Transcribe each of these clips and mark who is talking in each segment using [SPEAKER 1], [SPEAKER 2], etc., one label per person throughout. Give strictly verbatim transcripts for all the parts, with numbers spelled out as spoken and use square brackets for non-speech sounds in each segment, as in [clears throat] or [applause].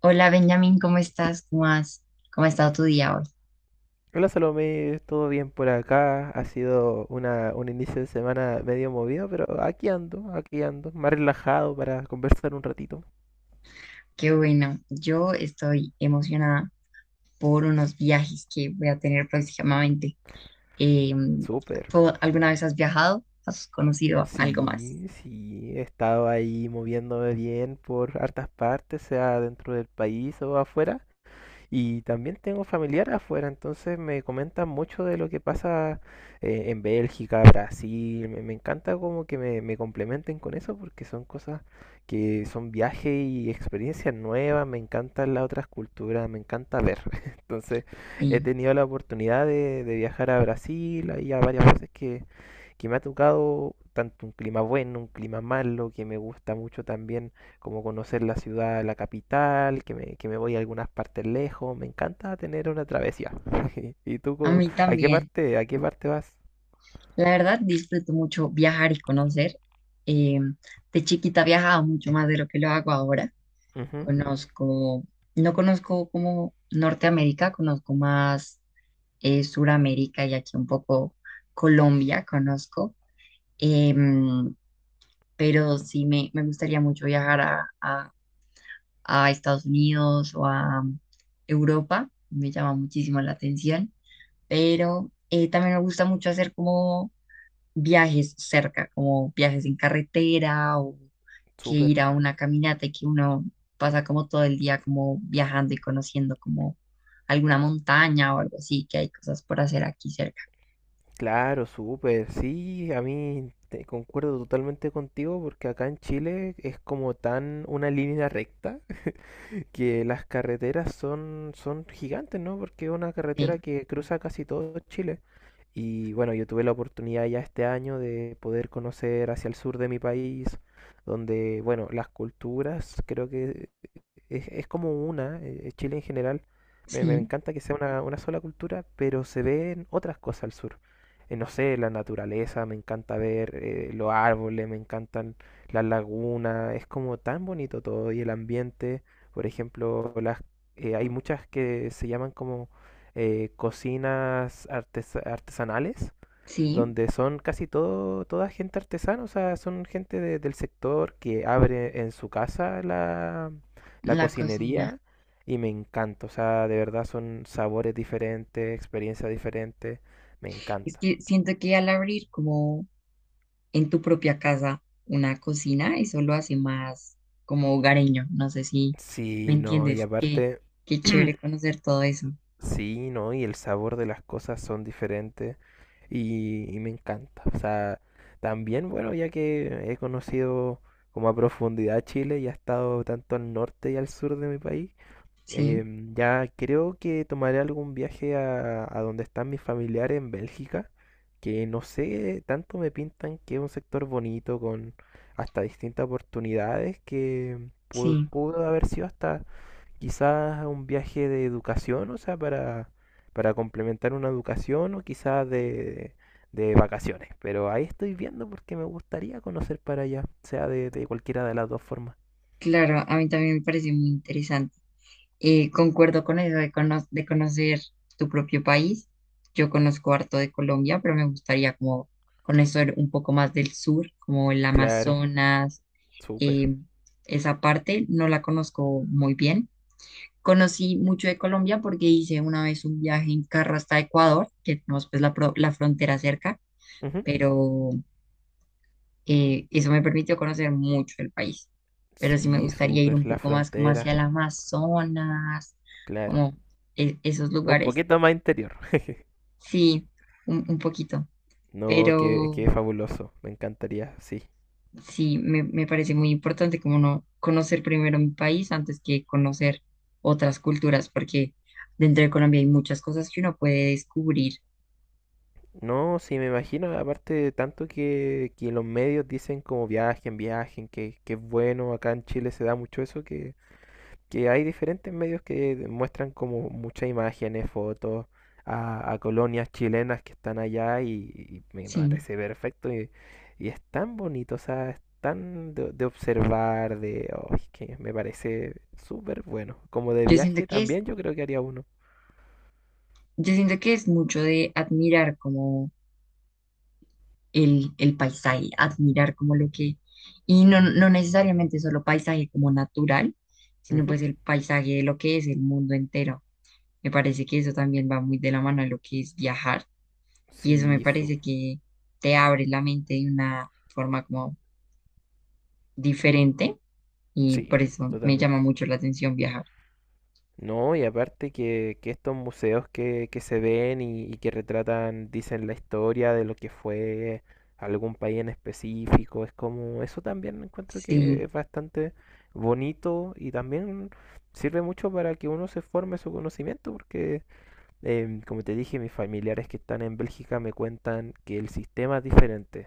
[SPEAKER 1] Hola Benjamín, ¿cómo estás? ¿Cómo has, ¿cómo ha estado tu día hoy?
[SPEAKER 2] Hola Salomé, todo bien por acá. Ha sido una, un inicio de semana medio movido, pero aquí ando, aquí ando, más relajado para conversar un ratito.
[SPEAKER 1] Qué bueno, yo estoy emocionada por unos viajes que voy a tener próximamente. Eh,
[SPEAKER 2] Súper.
[SPEAKER 1] ¿Tú alguna vez has viajado? ¿Has conocido algo más?
[SPEAKER 2] Sí, sí, he estado ahí moviéndome bien por hartas partes, sea dentro del país o afuera. Y también tengo familiares afuera, entonces me comentan mucho de lo que pasa eh, en Bélgica, Brasil. Me, me encanta como que me, me complementen con eso porque son cosas que son viajes y experiencias nuevas. Me encantan las otras culturas, me encanta ver. [laughs] Entonces he
[SPEAKER 1] Sí,
[SPEAKER 2] tenido la oportunidad de, de viajar a Brasil, ahí a varias veces que que me ha tocado tanto un clima bueno, un clima malo, que me gusta mucho también como conocer la ciudad, la capital, que me, que me voy a algunas partes lejos, me encanta tener una travesía. [laughs] ¿Y tú
[SPEAKER 1] a
[SPEAKER 2] co-
[SPEAKER 1] mí
[SPEAKER 2] a qué
[SPEAKER 1] también.
[SPEAKER 2] parte, a qué parte vas?
[SPEAKER 1] La verdad, disfruto mucho viajar y conocer. Eh, de chiquita viajaba mucho más de lo que lo hago ahora.
[SPEAKER 2] Ujú.
[SPEAKER 1] Conozco, no conozco como Norteamérica, conozco más. eh, Suramérica y aquí un poco Colombia conozco, em, pero sí me, me gustaría mucho viajar a, a- a Estados Unidos o a um, Europa, me llama muchísimo la atención, pero eh, también me gusta mucho hacer como viajes cerca, como viajes en carretera o que
[SPEAKER 2] Súper,
[SPEAKER 1] ir a una caminata y que uno pasa como todo el día como viajando y conociendo como alguna montaña o algo así, que hay cosas por hacer aquí cerca.
[SPEAKER 2] claro, súper. Sí, a mí te concuerdo totalmente contigo porque acá en Chile es como tan una línea recta que las carreteras son, son gigantes, ¿no? Porque es una
[SPEAKER 1] Sí.
[SPEAKER 2] carretera que cruza casi todo Chile. Y bueno, yo tuve la oportunidad ya este año de poder conocer hacia el sur de mi país, donde, bueno, las culturas creo que es, es como una, eh, Chile en general, me, me
[SPEAKER 1] Sí,
[SPEAKER 2] encanta que sea una, una sola cultura, pero se ven otras cosas al sur. Eh, no sé, la naturaleza, me encanta ver eh, los árboles, me encantan las lagunas, es como tan bonito todo y el ambiente, por ejemplo, las, eh, hay muchas que se llaman como eh, cocinas artes- artesanales
[SPEAKER 1] sí,
[SPEAKER 2] donde son casi todo, toda gente artesana, o sea, son gente de- del sector que abre en su casa la, la
[SPEAKER 1] la cocina.
[SPEAKER 2] cocinería y me encanta, o sea, de verdad son sabores diferentes, experiencias diferentes, me
[SPEAKER 1] Es
[SPEAKER 2] encanta.
[SPEAKER 1] que siento que al abrir como en tu propia casa una cocina, eso lo hace más como hogareño. No sé si me
[SPEAKER 2] Sí, no, y
[SPEAKER 1] entiendes. Qué,
[SPEAKER 2] aparte,
[SPEAKER 1] qué chévere
[SPEAKER 2] [clears throat]
[SPEAKER 1] conocer todo eso.
[SPEAKER 2] sí, no, y el sabor de las cosas son diferentes y, y me encanta. O sea, también, bueno, ya que he conocido como a profundidad Chile y he estado tanto al norte y al sur de mi país.
[SPEAKER 1] Sí,
[SPEAKER 2] Em, ya creo que tomaré algún viaje a, a donde están mis familiares en Bélgica, que no sé, tanto me pintan que es un sector bonito con hasta distintas oportunidades que pu-
[SPEAKER 1] sí,
[SPEAKER 2] pudo haber sido hasta quizás un viaje de educación, o sea, para, para complementar una educación o quizás de, de vacaciones. Pero ahí estoy viendo porque me gustaría conocer para allá, sea de, de cualquiera de las dos formas.
[SPEAKER 1] claro, a mí también me parece muy interesante. Eh, concuerdo con eso de, cono- de conocer tu propio país. Yo conozco harto de Colombia, pero me gustaría como conocer un poco más del sur, como el
[SPEAKER 2] Claro,
[SPEAKER 1] Amazonas.
[SPEAKER 2] súper.
[SPEAKER 1] eh, Esa parte no la conozco muy bien. Conocí mucho de Colombia porque hice una vez un viaje en carro hasta Ecuador, que tenemos pues la, pro- la frontera cerca,
[SPEAKER 2] Ujú.
[SPEAKER 1] pero eh, eso me permitió conocer mucho el país. Pero sí me
[SPEAKER 2] Sí,
[SPEAKER 1] gustaría ir un
[SPEAKER 2] súper, la
[SPEAKER 1] poco más como
[SPEAKER 2] frontera,
[SPEAKER 1] hacia el Amazonas,
[SPEAKER 2] claro.
[SPEAKER 1] como e- esos
[SPEAKER 2] Un
[SPEAKER 1] lugares.
[SPEAKER 2] poquito más interior. [laughs]
[SPEAKER 1] Sí, un, un poquito.
[SPEAKER 2] No, qué,
[SPEAKER 1] Pero
[SPEAKER 2] qué fabuloso, me encantaría, sí.
[SPEAKER 1] sí, me, me parece muy importante como no conocer primero mi país antes que conocer otras culturas, porque dentro de Colombia hay muchas cosas que uno puede descubrir.
[SPEAKER 2] No, sí, me imagino, aparte de tanto que, que los medios dicen como viajen, viajen, que, que es bueno, acá en Chile se da mucho eso, que, que hay diferentes medios que muestran como muchas imágenes, fotos a, a colonias chilenas que están allá y, y me
[SPEAKER 1] Sí,
[SPEAKER 2] parece perfecto y, y es tan bonito, o sea, es tan de, de observar, de oh, es que me parece súper bueno. Como de
[SPEAKER 1] yo siento
[SPEAKER 2] viaje
[SPEAKER 1] que es,
[SPEAKER 2] también yo creo que haría uno.
[SPEAKER 1] yo siento que es mucho de admirar como el, el paisaje, admirar como lo que, y no, no necesariamente solo paisaje como natural, sino
[SPEAKER 2] Ujú.
[SPEAKER 1] pues el paisaje de lo que es el mundo entero. Me parece que eso también va muy de la mano a lo que es viajar y eso me
[SPEAKER 2] Sí, su-
[SPEAKER 1] parece que te abre la mente de una forma como diferente y
[SPEAKER 2] sí,
[SPEAKER 1] por eso me llama
[SPEAKER 2] totalmente.
[SPEAKER 1] mucho la atención viajar.
[SPEAKER 2] No, y aparte que, que estos museos que, que se ven y, y que retratan, dicen la historia de lo que fue algún país en específico, es como, eso también encuentro que
[SPEAKER 1] Sí,
[SPEAKER 2] es bastante bonito y también sirve mucho para que uno se forme su conocimiento, porque Em, como te dije, mis familiares que están en Bélgica me cuentan que el sistema es diferente,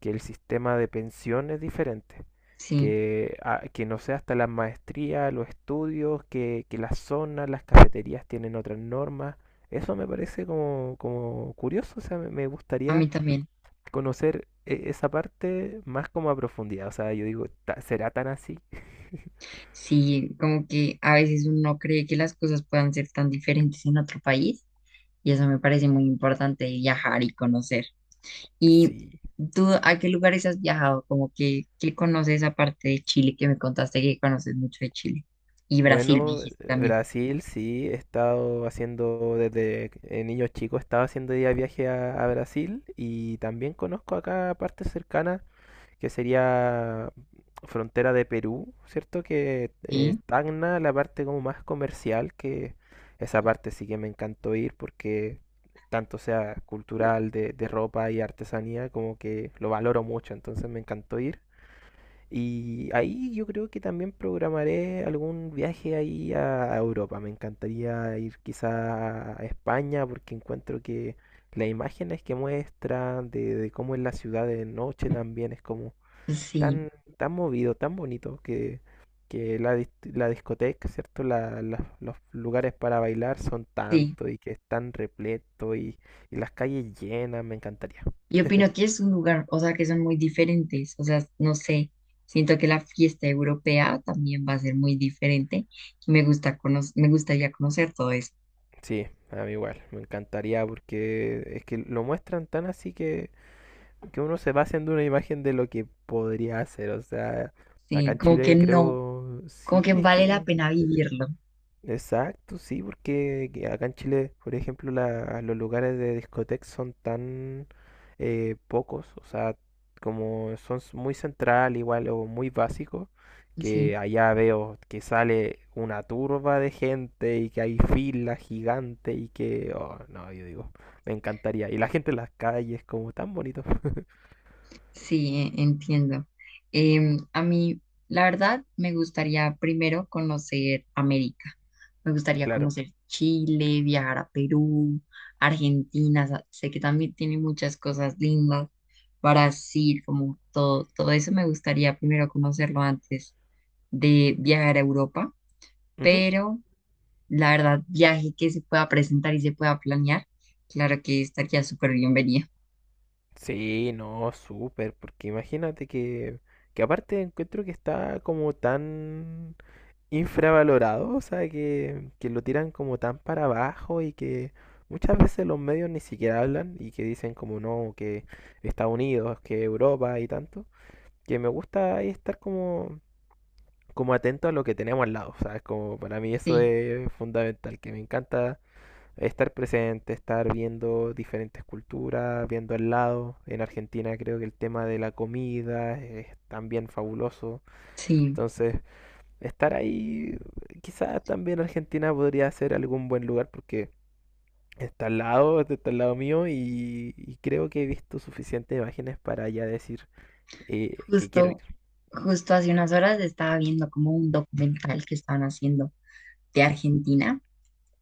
[SPEAKER 2] que el sistema de pensión es diferente,
[SPEAKER 1] sí,
[SPEAKER 2] que, ah, que no sé, hasta la maestría, los estudios, que, que las zonas, las cafeterías tienen otras normas. Eso me parece como, como curioso, o sea, me, me
[SPEAKER 1] a
[SPEAKER 2] gustaría
[SPEAKER 1] mí también.
[SPEAKER 2] conocer eh, esa parte más como a profundidad. O sea, yo digo, "Ta- ¿será tan así?
[SPEAKER 1] Sí, como que a veces uno cree que las cosas puedan ser tan diferentes en otro país y eso me parece muy importante viajar y conocer. ¿Y
[SPEAKER 2] Sí,
[SPEAKER 1] tú a qué lugares has viajado? Como que, ¿qué conoces aparte de Chile que me contaste que conoces mucho de Chile? Y Brasil me
[SPEAKER 2] bueno,
[SPEAKER 1] dijiste también.
[SPEAKER 2] Brasil sí, he estado haciendo desde eh, niño chico, he estado haciendo día de viaje a, a Brasil y también conozco acá partes cercanas que sería frontera de Perú, ¿cierto? Que eh,
[SPEAKER 1] ¿Sí?
[SPEAKER 2] estagna la parte como más comercial, que esa parte sí que me encantó ir porque tanto sea cultural de, de ropa y artesanía como que lo valoro mucho, entonces me encantó ir. Y ahí yo creo que también programaré algún viaje ahí a a Europa. Me encantaría ir quizá a España porque encuentro que las imágenes que muestran de, de cómo es la ciudad de noche también es como
[SPEAKER 1] Sí.
[SPEAKER 2] tan, tan movido, tan bonito que, que la, dis- la discoteca, ¿cierto? La- la- los lugares para bailar son
[SPEAKER 1] Sí,
[SPEAKER 2] tanto y que es tan repleto y, y las calles llenas. Me encantaría.
[SPEAKER 1] yo opino que es un lugar, o sea, que son muy diferentes, o sea, no sé, siento que la fiesta europea también va a ser muy diferente. Me gusta cono- me gustaría conocer todo eso,
[SPEAKER 2] Sí, a mí igual, me encantaría porque es que lo muestran tan así que, que uno se va haciendo una imagen de lo que podría hacer. O sea, acá
[SPEAKER 1] sí,
[SPEAKER 2] en
[SPEAKER 1] como que
[SPEAKER 2] Chile
[SPEAKER 1] no,
[SPEAKER 2] creo,
[SPEAKER 1] como que
[SPEAKER 2] sí, es
[SPEAKER 1] vale la
[SPEAKER 2] que
[SPEAKER 1] pena vivirlo,
[SPEAKER 2] exacto, sí, porque que acá en Chile, por ejemplo, la- los lugares de discoteca son tan eh, pocos, o sea, como son s- muy central igual o muy básicos, que
[SPEAKER 1] sí.
[SPEAKER 2] allá veo que sale una turba de gente y que hay filas gigantes y que, oh, no, yo digo, me encantaría. Y la gente en las calles, como tan bonito. [laughs]
[SPEAKER 1] Sí, e- entiendo. Em, a mí, la verdad, me gustaría primero conocer América. Me gustaría
[SPEAKER 2] Claro.
[SPEAKER 1] conocer Chile, viajar a Perú, Argentina. sa- Sé que también tiene muchas cosas lindas. Brasil, como todo, todo eso me gustaría primero conocerlo antes de viajar a Europa.
[SPEAKER 2] Ujú.
[SPEAKER 1] Pero la verdad, viaje que se pueda presentar y se pueda planear, claro que estaría súper bienvenido.
[SPEAKER 2] Sí, no, súper, porque imagínate que, que aparte encuentro que está como tan infravalorado, o sea, que, que lo tiran como tan para abajo y que muchas veces los medios ni siquiera hablan y que dicen como no, que Estados Unidos, que Europa y tanto, que me gusta ahí estar como, como atento a lo que tenemos al lado, o sea, es como para mí eso
[SPEAKER 1] Sí,
[SPEAKER 2] es fundamental, que me encanta estar presente, estar viendo diferentes culturas, viendo al lado. En Argentina creo que el tema de la comida es también fabuloso.
[SPEAKER 1] sí.
[SPEAKER 2] Entonces, estar ahí. Quizás también Argentina podría ser algún buen lugar porque está al lado, está al lado mío y, y creo que he visto suficientes imágenes para ya decir eh, que quiero ir.
[SPEAKER 1] Justo, justo hace unas horas estaba viendo como un documental que estaban haciendo de Argentina,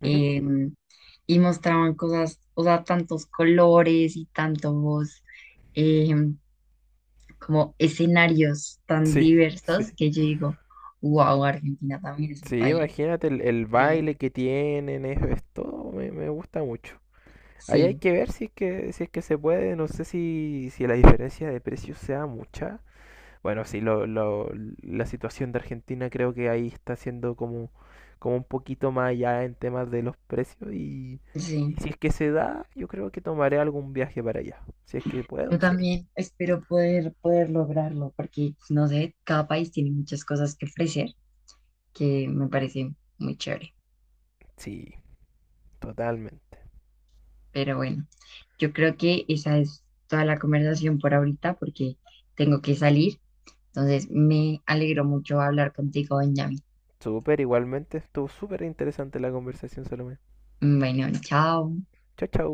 [SPEAKER 2] Ujú.
[SPEAKER 1] eh, y mostraban cosas, o sea, tantos colores y tantos eh, como escenarios tan
[SPEAKER 2] Sí,
[SPEAKER 1] diversos
[SPEAKER 2] sí.
[SPEAKER 1] que yo digo, wow, Argentina también es un
[SPEAKER 2] Sí,
[SPEAKER 1] país
[SPEAKER 2] imagínate el, el
[SPEAKER 1] increíble.
[SPEAKER 2] baile que tienen, es, es todo, me, me gusta mucho. Ahí hay
[SPEAKER 1] Sí,
[SPEAKER 2] que ver si es que, si es que se puede, no sé si, si la diferencia de precios sea mucha. Bueno, sí, lo, lo- la situación de Argentina creo que ahí está siendo como, como un poquito más allá en temas de los precios y, y
[SPEAKER 1] sí.
[SPEAKER 2] si es que se da, yo creo que tomaré algún viaje para allá. Si es que
[SPEAKER 1] Yo
[SPEAKER 2] puedo, sí,
[SPEAKER 1] también espero poder, poder lograrlo porque, no sé, cada país tiene muchas cosas que ofrecer que me parece muy chévere.
[SPEAKER 2] sí, totalmente.
[SPEAKER 1] Pero bueno, yo creo que esa es toda la conversación por ahorita porque tengo que salir. Entonces, me alegro mucho hablar contigo, Benjamín.
[SPEAKER 2] Súper, igualmente, estuvo súper interesante la conversación, Salomé.
[SPEAKER 1] Bueno, chao.
[SPEAKER 2] Chao, chao.